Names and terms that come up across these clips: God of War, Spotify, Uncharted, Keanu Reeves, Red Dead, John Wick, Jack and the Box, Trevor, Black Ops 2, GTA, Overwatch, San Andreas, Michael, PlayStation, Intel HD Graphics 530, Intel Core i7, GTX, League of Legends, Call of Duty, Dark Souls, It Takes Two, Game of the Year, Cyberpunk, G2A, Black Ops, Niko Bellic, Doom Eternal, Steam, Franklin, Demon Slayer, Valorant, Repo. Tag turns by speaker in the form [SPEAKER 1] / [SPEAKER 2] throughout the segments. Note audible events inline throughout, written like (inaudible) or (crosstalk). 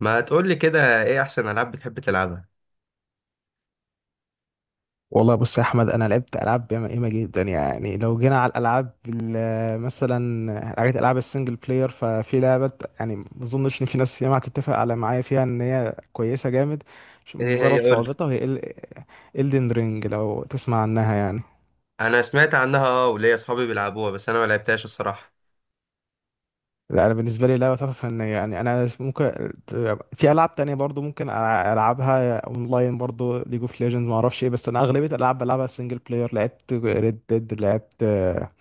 [SPEAKER 1] ما تقول لي كده ايه احسن العاب بتحب تلعبها؟
[SPEAKER 2] والله بص يا احمد، انا لعبت العاب ياما ياما جدا. يعني لو جينا على الالعاب مثلا حاجات العاب السنجل بلاير، ففي لعبه يعني ما اظنش ان في ناس ياما هتتفق على معايا فيها ان هي كويسه جامد
[SPEAKER 1] ايه
[SPEAKER 2] مجرد
[SPEAKER 1] هي قول لي.
[SPEAKER 2] صعوبتها، هي الدن رينج لو تسمع عنها يعني.
[SPEAKER 1] انا سمعت عنها اه، وليا اصحابي بيلعبوها بس انا ما لعبتهاش الصراحه.
[SPEAKER 2] لا انا بالنسبه لي لعبه تحفه فنيه يعني. انا ممكن في العاب تانية برضو ممكن العبها اونلاين برضو، ليج اوف ليجندز ما اعرفش ايه. بس انا اغلبيه الالعاب بلعبها سنجل بلاير. لعبت ريد ديد، لعبت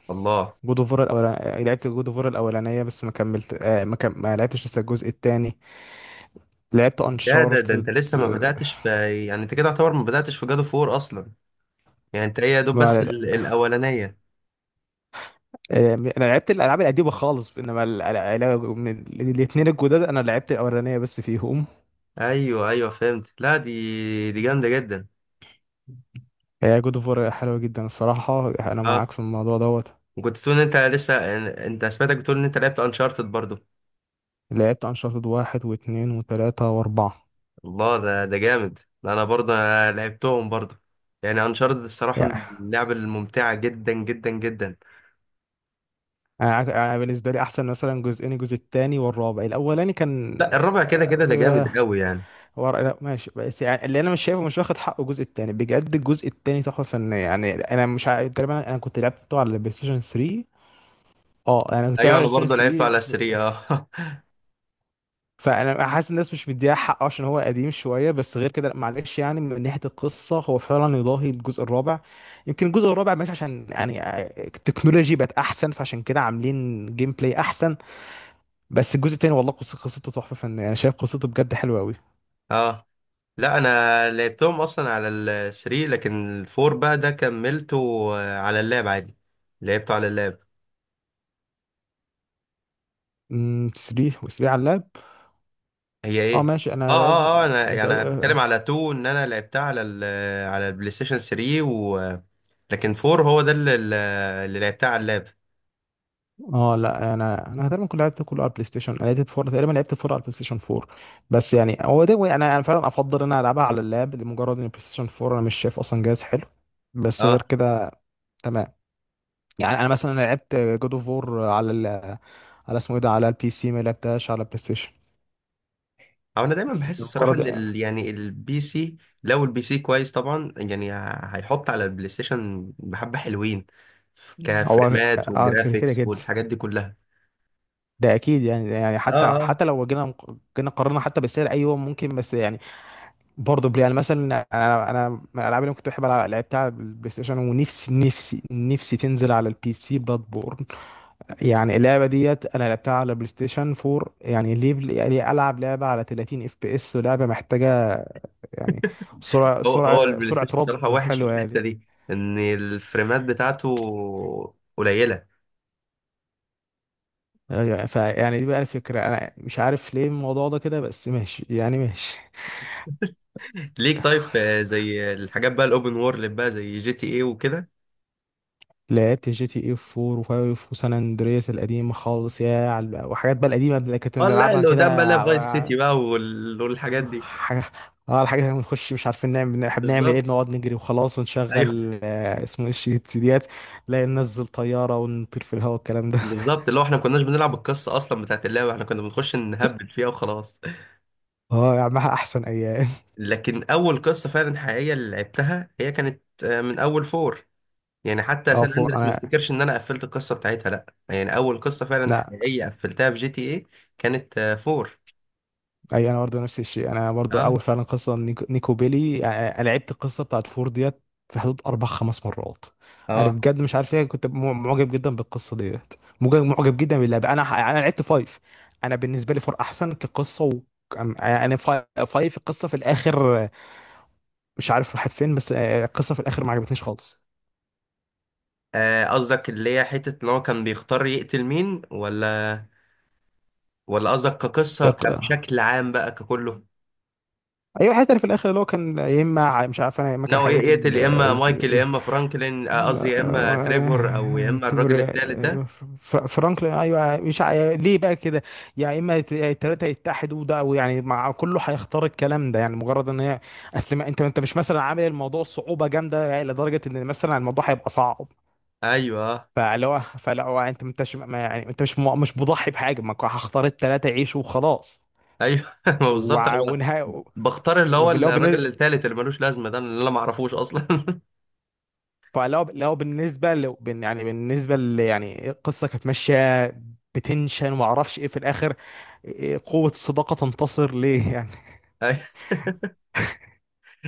[SPEAKER 1] الله،
[SPEAKER 2] جود اوف وور الاولانيه. لعبت جود اوف وور الاولانيه بس ما كملت. ما لعبتش لسه الجزء الثاني. لعبت
[SPEAKER 1] يا ده انت
[SPEAKER 2] انشارتد.
[SPEAKER 1] لسه ما بداتش في. يعني انت كده يعتبر ما بداتش في جادو فور اصلا. يعني انت هي يا دوب بس
[SPEAKER 2] ما...
[SPEAKER 1] الاولانيه.
[SPEAKER 2] آه... انا لعبت الالعاب القديمه خالص، انما من الاثنين الجداد انا لعبت الاولانيه بس فيهم.
[SPEAKER 1] ايوه ايوه، فهمت. لا دي جامده جدا.
[SPEAKER 2] هي جود اوف وور حلوه جدا الصراحه، انا
[SPEAKER 1] اه،
[SPEAKER 2] معاك في الموضوع دوت.
[SPEAKER 1] وكنت بتقول ان انت لسه. انت سمعتك بتقول ان انت لعبت انشارتد برضو.
[SPEAKER 2] لعبت انشارتد واحد واثنين وثلاثه واربعه.
[SPEAKER 1] الله، ده جامد ده. انا برضو أنا لعبتهم برضو. يعني انشارتد الصراحه من
[SPEAKER 2] يعني
[SPEAKER 1] اللعب الممتعه جدا جدا جدا.
[SPEAKER 2] انا بالنسبه لي احسن مثلا جزئين، الجزء الثاني والرابع. الاولاني كان
[SPEAKER 1] لا الرابع كده كده ده جامد قوي يعني.
[SPEAKER 2] هو رأي. لا ماشي، بس يعني اللي انا مش شايفه مش واخد حقه الجزء التاني. بجد الجزء التاني تحفه فنيه يعني. انا مش عارف تقريبا، انا كنت لعبته على البلاي ستيشن 3. اه انا كنت على
[SPEAKER 1] ايوه انا
[SPEAKER 2] البلاي ستيشن
[SPEAKER 1] برضه لعبته
[SPEAKER 2] 3
[SPEAKER 1] على 3 اه.
[SPEAKER 2] فانا حاسس الناس مش مديها حقه عشان هو قديم شويه، بس غير كده لأ، معلش يعني. من ناحيه القصه هو فعلا يضاهي الجزء الرابع. يمكن الجزء الرابع ماشي عشان يعني التكنولوجي بقت احسن فعشان كده عاملين جيم بلاي احسن. بس الجزء التاني والله قصته تحفه فنيه. انا شايف قصته بجد حلوه قوي.
[SPEAKER 1] (laughs) اه، لا انا لعبتهم اصلا على ال 3، لكن الفور بقى ده كملته. على اللاب عادي. لعبته على اللاب.
[SPEAKER 2] 3 و3 على اللاب.
[SPEAKER 1] هي
[SPEAKER 2] اه
[SPEAKER 1] ايه؟
[SPEAKER 2] ماشي،
[SPEAKER 1] اه
[SPEAKER 2] انا لازم.
[SPEAKER 1] اه اه، انا
[SPEAKER 2] انت
[SPEAKER 1] يعني بتكلم
[SPEAKER 2] اه.
[SPEAKER 1] على 2 ان انا لعبتها على على البلاي ستيشن 3، و لكن 4 هو ده اللي لعبتها على اللاب.
[SPEAKER 2] لا انا تقريبا كنت لعبت كله على البلاي ستيشن. انا لعبت فور تقريبا، لعبت فور على البلاي ستيشن 4. بس يعني هو ده. انا فعلا افضل ان انا العبها على اللاب لمجرد ان البلاي ستيشن 4 انا مش شايف اصلا جهاز حلو. بس غير
[SPEAKER 1] اه.
[SPEAKER 2] كده تمام. يعني انا مثلا لعبت جود اوف وور على على اسمه ايه ده، على البي سي، ما لعبتهاش على البلاي ستيشن
[SPEAKER 1] او انا دايما بحس الصراحه
[SPEAKER 2] مجرد.
[SPEAKER 1] ان يعني البي سي. لو البي سي كويس طبعا يعني هيحط على البلاي ستيشن بحبه حلوين
[SPEAKER 2] هو
[SPEAKER 1] كفريمات
[SPEAKER 2] اه، كده كده
[SPEAKER 1] والجرافيكس
[SPEAKER 2] كده.
[SPEAKER 1] والحاجات دي كلها.
[SPEAKER 2] ده اكيد يعني. يعني حتى
[SPEAKER 1] اه اه،
[SPEAKER 2] حتى لو جينا قارنا حتى بالسعر، ايوه ممكن. بس يعني برضه بلاي يعني مثلا انا من الالعاب اللي كنت بحب العب، لعبتها على البلاي ستيشن، ونفسي نفسي نفسي تنزل على البي سي بلاد بورن. يعني اللعبه ديت انا لعبتها على بلاي ستيشن 4. يعني ليه يعني العب لعبه على 30 اف بي اس ولعبه محتاجه يعني سرعه
[SPEAKER 1] هو
[SPEAKER 2] سرعه
[SPEAKER 1] البلاي
[SPEAKER 2] سرعه
[SPEAKER 1] ستيشن صراحه
[SPEAKER 2] رد
[SPEAKER 1] وحش في
[SPEAKER 2] حلوه
[SPEAKER 1] الحته
[SPEAKER 2] يعني.
[SPEAKER 1] دي. ان الفريمات بتاعته قليله.
[SPEAKER 2] يعني- فيعني دي بقى الفكره. انا مش عارف ليه الموضوع ده كده، بس ماشي يعني ماشي.
[SPEAKER 1] ليك طيب في زي الحاجات بقى الاوبن وورلد بقى زي جي تي اي وكده.
[SPEAKER 2] لعبت جي تي اي 4 و5 وسان اندرياس القديمه خالص، يا وحاجات بقى القديمه اللي كنت
[SPEAKER 1] اه لا،
[SPEAKER 2] بنلعبها
[SPEAKER 1] اللي
[SPEAKER 2] كده.
[SPEAKER 1] قدام بقى لا فايس سيتي بقى والحاجات دي.
[SPEAKER 2] حاجة، اه الحاجة اللي بنخش مش عارفين نعمل بنعمل ايه،
[SPEAKER 1] بالظبط.
[SPEAKER 2] بنقعد نجري وخلاص
[SPEAKER 1] أيوه.
[SPEAKER 2] ونشغل اسمه ايه السيديات. لا ننزل طيارة ونطير في الهواء الكلام ده. (laughs)
[SPEAKER 1] بالظبط، اللي هو احنا ما كناش بنلعب القصه اصلا بتاعت اللعبه، احنا كنا بنخش نهبل فيها وخلاص.
[SPEAKER 2] اه يا عم، احسن ايام.
[SPEAKER 1] لكن اول قصه فعلا حقيقيه اللي لعبتها هي كانت من اول فور. يعني
[SPEAKER 2] (laughs)
[SPEAKER 1] حتى
[SPEAKER 2] اه
[SPEAKER 1] سان
[SPEAKER 2] فور
[SPEAKER 1] اندريس ما
[SPEAKER 2] انا.
[SPEAKER 1] افتكرش ان انا قفلت القصه بتاعتها، لا يعني اول قصه فعلا
[SPEAKER 2] لا.
[SPEAKER 1] حقيقيه قفلتها في جي تي ايه كانت فور.
[SPEAKER 2] اي انا برضه نفس الشيء، انا برضه اول
[SPEAKER 1] اه
[SPEAKER 2] فعلا قصه نيكو بيلي يعني. أنا لعبت القصه بتاعت فور ديت في حدود اربع خمس مرات. انا
[SPEAKER 1] اه.
[SPEAKER 2] بجد مش عارف ليه كنت معجب جدا بالقصه ديت، معجب جدا باللعبه. انا لعبت فايف. انا بالنسبه لي فور احسن كقصه و... يعني فايف القصه في الاخر مش عارف راحت فين، بس القصه في الاخر ما عجبتنيش
[SPEAKER 1] قصدك اللي هي حته ان هو كان بيختار يقتل مين، ولا ولا قصدك كقصه
[SPEAKER 2] خالص.
[SPEAKER 1] بشكل عام بقى ككله؟
[SPEAKER 2] ايوه، حتى في الاخر اللي هو كان يا اما مش عارف انا يا اما كان
[SPEAKER 1] ناوي يقتل
[SPEAKER 2] هيقتل
[SPEAKER 1] يا اما مايكل يا اما فرانكلين. قصدي يا اما تريفور او يا
[SPEAKER 2] آه،
[SPEAKER 1] اما الراجل
[SPEAKER 2] تبر-
[SPEAKER 1] التالت ده.
[SPEAKER 2] فرانكلين. ايوه مش عا- ليه بقى كده يا اما التلاته يتحدوا ده. ويعني مع كله هيختار الكلام ده يعني مجرد ان هي. اصل انت مش مثلا عامل الموضوع صعوبه جامده، يعني لدرجه ان مثلا الموضوع هيبقى صعب.
[SPEAKER 1] ايوه
[SPEAKER 2] فاللي هو فلا هو انت ما انتش ما- يعني انت مش مش مضحي بحاجه ما كو- هختار التلاته يعيشوا وخلاص.
[SPEAKER 1] ايوه. (laughs) ما بالظبط انا
[SPEAKER 2] ونهايه.
[SPEAKER 1] بختار اللي هو
[SPEAKER 2] واللي هو
[SPEAKER 1] الراجل التالت اللي ملوش لازمه ده، اللي انا ما اعرفوش اصلا.
[SPEAKER 2] لو بالنسبه يعني بالنسبه ل يعني القصه كانت ماشيه بتنشن وما اعرفش ايه في الاخر، إيه قوه الصداقه تنتصر ليه. (laughs) يعني
[SPEAKER 1] (laughs)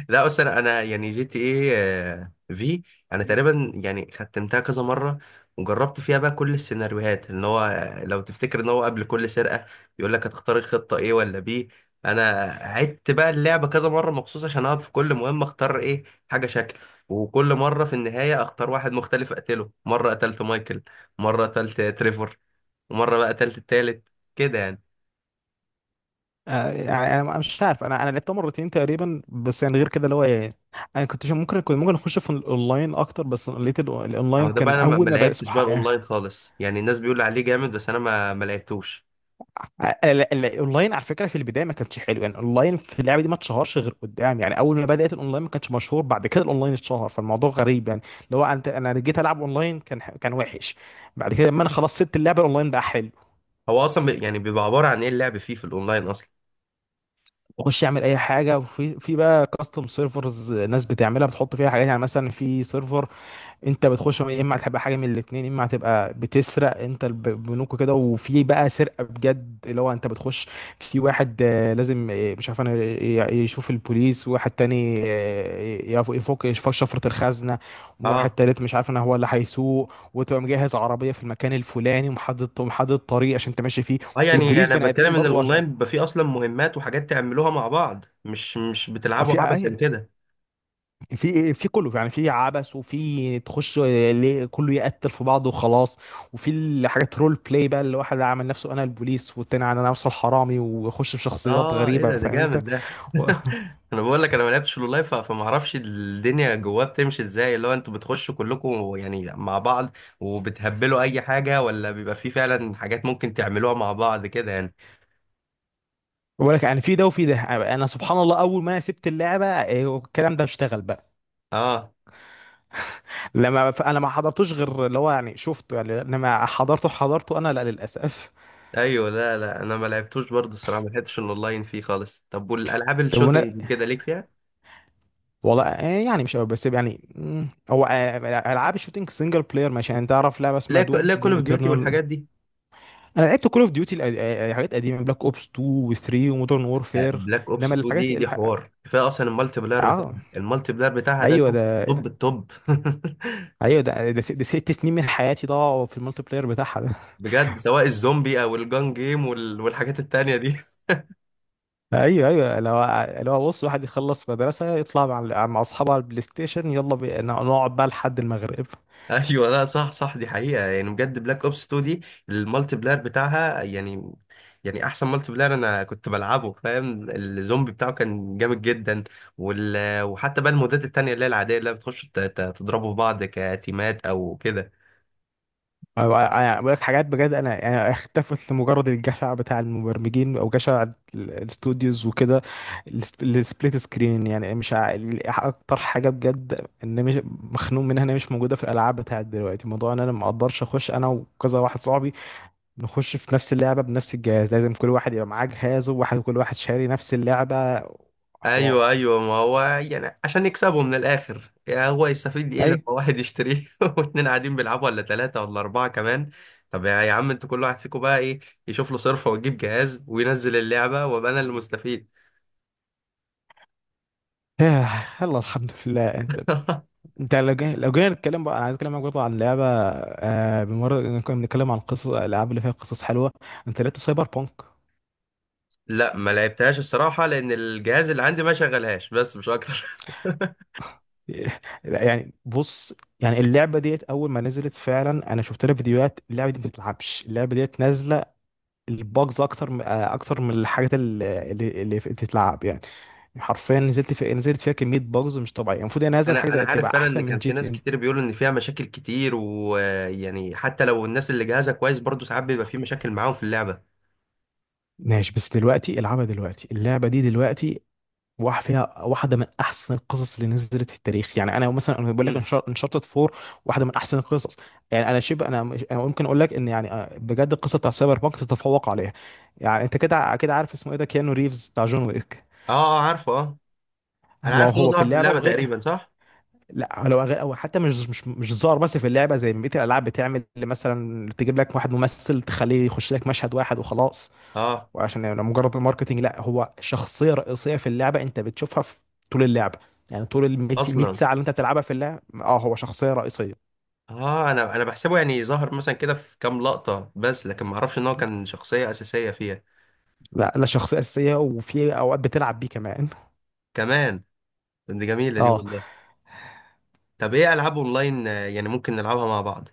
[SPEAKER 1] لا اصل انا يعني جي تي ايه في. انا تقريبا يعني ختمتها كذا مره، وجربت فيها بقى كل السيناريوهات ان هو لو تفتكر ان هو قبل كل سرقه يقول لك هتختار الخطه ايه ولا بي. انا عدت بقى اللعبه كذا مره مخصوص عشان اقعد في كل مهمه اختار ايه حاجه شكل. وكل مره في النهايه اختار واحد مختلف اقتله. مره قتلت مايكل، مره قتلت تريفور، ومره بقى قتلت التالت كده يعني.
[SPEAKER 2] يعني انا مش عارف. انا لعبتها مرتين تقريبا بس، يعني غير كده اللي هو انا كنت ممكن اخش في الاونلاين اكتر. بس لقيت الاونلاين
[SPEAKER 1] اهو ده بقى
[SPEAKER 2] كان
[SPEAKER 1] انا ما
[SPEAKER 2] اول
[SPEAKER 1] ما
[SPEAKER 2] ما بدا
[SPEAKER 1] لعبتش بقى
[SPEAKER 2] سبحان.
[SPEAKER 1] الاونلاين خالص. يعني الناس بيقول عليه جامد، بس انا ما لعبتوش.
[SPEAKER 2] الاونلاين على فكره في البدايه ما كانش حلو. يعني الاونلاين في اللعبه دي ما اتشهرش غير قدام. يعني اول ما بدات الاونلاين ما كانش مشهور، بعد كده الاونلاين اتشهر. فالموضوع غريب يعني، اللي هو انت انا جيت العب اونلاين كان كان وحش، بعد كده لما انا خلاص سبت اللعبه الاونلاين بقى حلو.
[SPEAKER 1] هو اصلا يعني بيبقى عباره عن ايه اللعب فيه في الاونلاين اصلا؟
[SPEAKER 2] بخش اعمل اي حاجه، وفي بقى كاستم سيرفرز، ناس بتعملها بتحط فيها حاجات. يعني مثلا في سيرفر انت بتخش يا اما هتبقى حاجه من الاتنين، يا اما هتبقى بتسرق انت بنوك كده، وفي بقى سرقه بجد اللي هو انت بتخش. في واحد لازم مش عارف انا يشوف البوليس، وواحد تاني يفك شفره الخزنه، وواحد
[SPEAKER 1] اه
[SPEAKER 2] تالت مش عارف انا هو اللي هيسوق وتبقى مجهز عربيه في المكان الفلاني، ومحدد طريق عشان انت ماشي فيه.
[SPEAKER 1] اه، يعني
[SPEAKER 2] والبوليس
[SPEAKER 1] انا
[SPEAKER 2] بني ادمين
[SPEAKER 1] بتكلم ان
[SPEAKER 2] برضو
[SPEAKER 1] الاونلاين بيبقى فيه اصلا مهمات وحاجات تعملوها مع بعض، مش بتلعبوا
[SPEAKER 2] في
[SPEAKER 1] عبثا كده.
[SPEAKER 2] في في كله يعني، في عبث وفي تخش ليه كله يقتل في بعضه وخلاص، وفي الحاجات رول بلاي بقى اللي واحد عامل نفسه انا البوليس والتاني انا نفسه الحرامي ويخش في شخصيات
[SPEAKER 1] اه، ايه
[SPEAKER 2] غريبه،
[SPEAKER 1] ده
[SPEAKER 2] فاهم انت.
[SPEAKER 1] جامد. ده
[SPEAKER 2] و-
[SPEAKER 1] (laughs) انا بقول لك انا ما لعبتش الاونلاين فما اعرفش الدنيا جواه بتمشي ازاي. اللي هو انتوا بتخشوا كلكم يعني مع بعض وبتهبلوا اي حاجه، ولا بيبقى فيه فعلا حاجات ممكن تعملوها مع بعض كده يعني؟
[SPEAKER 2] (laughs) ولك يعني في ده وفي ده. انا سبحان الله اول ما انا سبت اللعبه الكلام ده اشتغل بقى.
[SPEAKER 1] اه
[SPEAKER 2] لما انا ما حضرتوش غير اللي هو يعني شفته يعني، لما حضرته انا لا للاسف.
[SPEAKER 1] ايوه. لا لا انا ما لعبتوش برضه الصراحه، ما لعبتش الاونلاين فيه خالص. طب والالعاب
[SPEAKER 2] طب وانا
[SPEAKER 1] الشوتينج كده ليك فيها؟
[SPEAKER 2] والله يعني مش قوي، بس يعني هو العاب الشوتينج سنجل بلاير ماشي. يعني تعرف لعبه اسمها
[SPEAKER 1] لا لا كول
[SPEAKER 2] دوم
[SPEAKER 1] اوف ديوتي
[SPEAKER 2] ايترنال.
[SPEAKER 1] والحاجات دي.
[SPEAKER 2] انا لعبت كول اوف ديوتي حاجات قديمه، بلاك اوبس 2 و3 ومودرن وورفير.
[SPEAKER 1] بلاك اوبس
[SPEAKER 2] انما
[SPEAKER 1] 2
[SPEAKER 2] الحاجات
[SPEAKER 1] دي حوار كفايه اصلا. المالتي بلاير بتاعها
[SPEAKER 2] اه
[SPEAKER 1] المالتي بلاير بتاعها ده
[SPEAKER 2] ايوه
[SPEAKER 1] توب.
[SPEAKER 2] ده ايه
[SPEAKER 1] توب
[SPEAKER 2] ده.
[SPEAKER 1] التوب. (laughs)
[SPEAKER 2] ايوه ده ده ست سنين من حياتي ضاعوا في المالتي بلاير بتاعها ده. (laughs)
[SPEAKER 1] بجد، سواء الزومبي او الجان جيم والحاجات التانية دي.
[SPEAKER 2] ايوه ايوه لو بص واحد يخلص مدرسه يطلع مع اصحابه على البلاي ستيشن يلا نقعد بقى لحد المغرب.
[SPEAKER 1] (laughs) ايوه، لا صح صح، دي حقيقه. يعني بجد بلاك اوبس 2 دي المالتي بلاير بتاعها يعني يعني احسن مالتي بلاير انا كنت بلعبه، فاهم؟ الزومبي بتاعه كان جامد جدا. وحتى بقى المودات التانية اللي هي العاديه اللي بتخش تضربوا في بعض كتيمات او كده.
[SPEAKER 2] انا بقول لك حاجات بجد، انا اختفت لمجرد الجشع بتاع المبرمجين او جشع الاستوديوز وكده. السبليت سكرين يعني مش اكتر حاجه بجد ان مش مخنوق منها ان هي مش موجوده في الالعاب بتاعت دلوقتي، موضوع ان انا ما اقدرش اخش انا وكذا واحد صاحبي نخش في نفس اللعبه بنفس الجهاز، لازم كل واحد يبقى معاه جهازه وواحد كل واحد شاري نفس اللعبه. حوار
[SPEAKER 1] ايوه ايوه، ما هو يعني عشان يكسبوا من الاخر. يا هو يستفيد ايه لما
[SPEAKER 2] اي.
[SPEAKER 1] واحد يشتريه (laughs) واتنين قاعدين بيلعبوا، ولا 3 ولا 4 كمان. طب يا عم، انتوا كل واحد فيكم بقى ايه يشوف له صرفة ويجيب جهاز وينزل اللعبة وابقى انا اللي مستفيد.
[SPEAKER 2] (sighs) يلا الحمد لله. انت
[SPEAKER 1] (laughs)
[SPEAKER 2] انت لو جينا نتكلم بقى. انا عايز اتكلم معاك برضه عن لعبه بمر كنا بنتكلم عن قصص الالعاب اللي فيها قصص حلوه. انت لعبت سايبر بانك؟
[SPEAKER 1] لا ما لعبتهاش الصراحة، لان الجهاز اللي عندي ما شغلهاش، بس مش اكتر.
[SPEAKER 2] (laughs) يعني بص، يعني اللعبه ديت اول ما نزلت فعلا انا شفت لها فيديوهات، اللعبه دي ما بتتلعبش. اللعبه ديت نازله الباجز اكتر اكتر من الحاجات اللي بتتلعب يعني. حرفيا نزلت في نزلت فيها كميه باجز مش طبيعيه. المفروض ان
[SPEAKER 1] (laughs)
[SPEAKER 2] هذا الحاجه
[SPEAKER 1] انا
[SPEAKER 2] زي
[SPEAKER 1] عارف
[SPEAKER 2] تبقى
[SPEAKER 1] فعلا ان
[SPEAKER 2] احسن من
[SPEAKER 1] كان
[SPEAKER 2] جي
[SPEAKER 1] في
[SPEAKER 2] تي
[SPEAKER 1] ناس
[SPEAKER 2] ان.
[SPEAKER 1] كتير بيقولوا ان فيها مشاكل كتير، ويعني حتى لو الناس اللي جهازها كويس برضه ساعات بيبقى في مشاكل معاهم في اللعبة.
[SPEAKER 2] ماشي بس دلوقتي العبها دلوقتي، اللعبه دي دلوقتي واحد فيها واحده من احسن القصص اللي نزلت في التاريخ. يعني انا مثلا انا بقول لك
[SPEAKER 1] امم،
[SPEAKER 2] انشارتد 4 واحده من احسن القصص. يعني انا شبه انا أنا ممكن اقول لك ان يعني بجد القصه بتاع سايبر بانك تتفوق عليها. يعني انت كده كده عارف اسمه ايه ده، كيانو ريفز بتاع جون ويك.
[SPEAKER 1] اه اه، عارفه اه. انا
[SPEAKER 2] ما هو
[SPEAKER 1] عارف ان هو
[SPEAKER 2] هو في
[SPEAKER 1] ظهر في
[SPEAKER 2] اللعبه
[SPEAKER 1] اللعبة
[SPEAKER 2] وغير.
[SPEAKER 1] تقريبا صح؟
[SPEAKER 2] لا لو غير، او حتى مش ظاهر. بس في اللعبه زي ما بقيه الالعاب بتعمل مثلا تجيب لك واحد ممثل تخليه يخش لك مشهد واحد وخلاص
[SPEAKER 1] اه
[SPEAKER 2] وعشان يعني مجرد الماركتينج. لا هو شخصيه رئيسيه في اللعبه، انت بتشوفها في طول اللعبه. يعني طول ال 100
[SPEAKER 1] اصلا.
[SPEAKER 2] ساعه اللي انت بتلعبها في اللعبه اه هو شخصيه رئيسيه.
[SPEAKER 1] اه، انا بحسبه يعني ظهر مثلا كده في كام لقطة بس، لكن ما اعرفش ان هو كان شخصية اساسية فيها.
[SPEAKER 2] لا لا شخصيه اساسيه وفي اوقات بتلعب بيه كمان. (laughs)
[SPEAKER 1] كمان؟ طب دي جميلة دي
[SPEAKER 2] اه.
[SPEAKER 1] والله. طب ايه العاب اونلاين يعني ممكن نلعبها مع بعض؟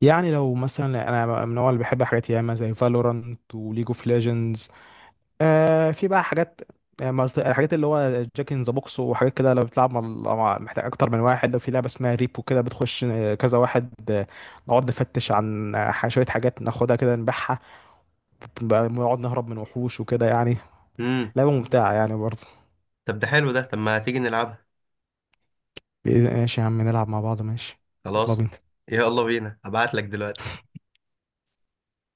[SPEAKER 2] يعني لو مثلا انا من النوع اللي بحب حاجات ياما زي فالورانت وليج اوف ليجندز. في بقى حاجات الحاجات اللي هو جاك ان ذا بوكس وحاجات كده. لو بتلعب مع محتاج اكتر من واحد. لو في لعبه اسمها ريبو كده بتخش كذا واحد نقعد نفتش عن شويه حاجات ناخدها كده نبيعها بقى، بنقعد نهرب من وحوش وكده يعني.
[SPEAKER 1] امم.
[SPEAKER 2] لعبة ممتعة يعني برضه.
[SPEAKER 1] طب ده حلو ده. طب ما تيجي نلعبها.
[SPEAKER 2] ماشي يا عم نلعب مع بعض، ماشي. يلا
[SPEAKER 1] خلاص.
[SPEAKER 2] بينا.
[SPEAKER 1] يلا بينا، هبعت لك دلوقتي.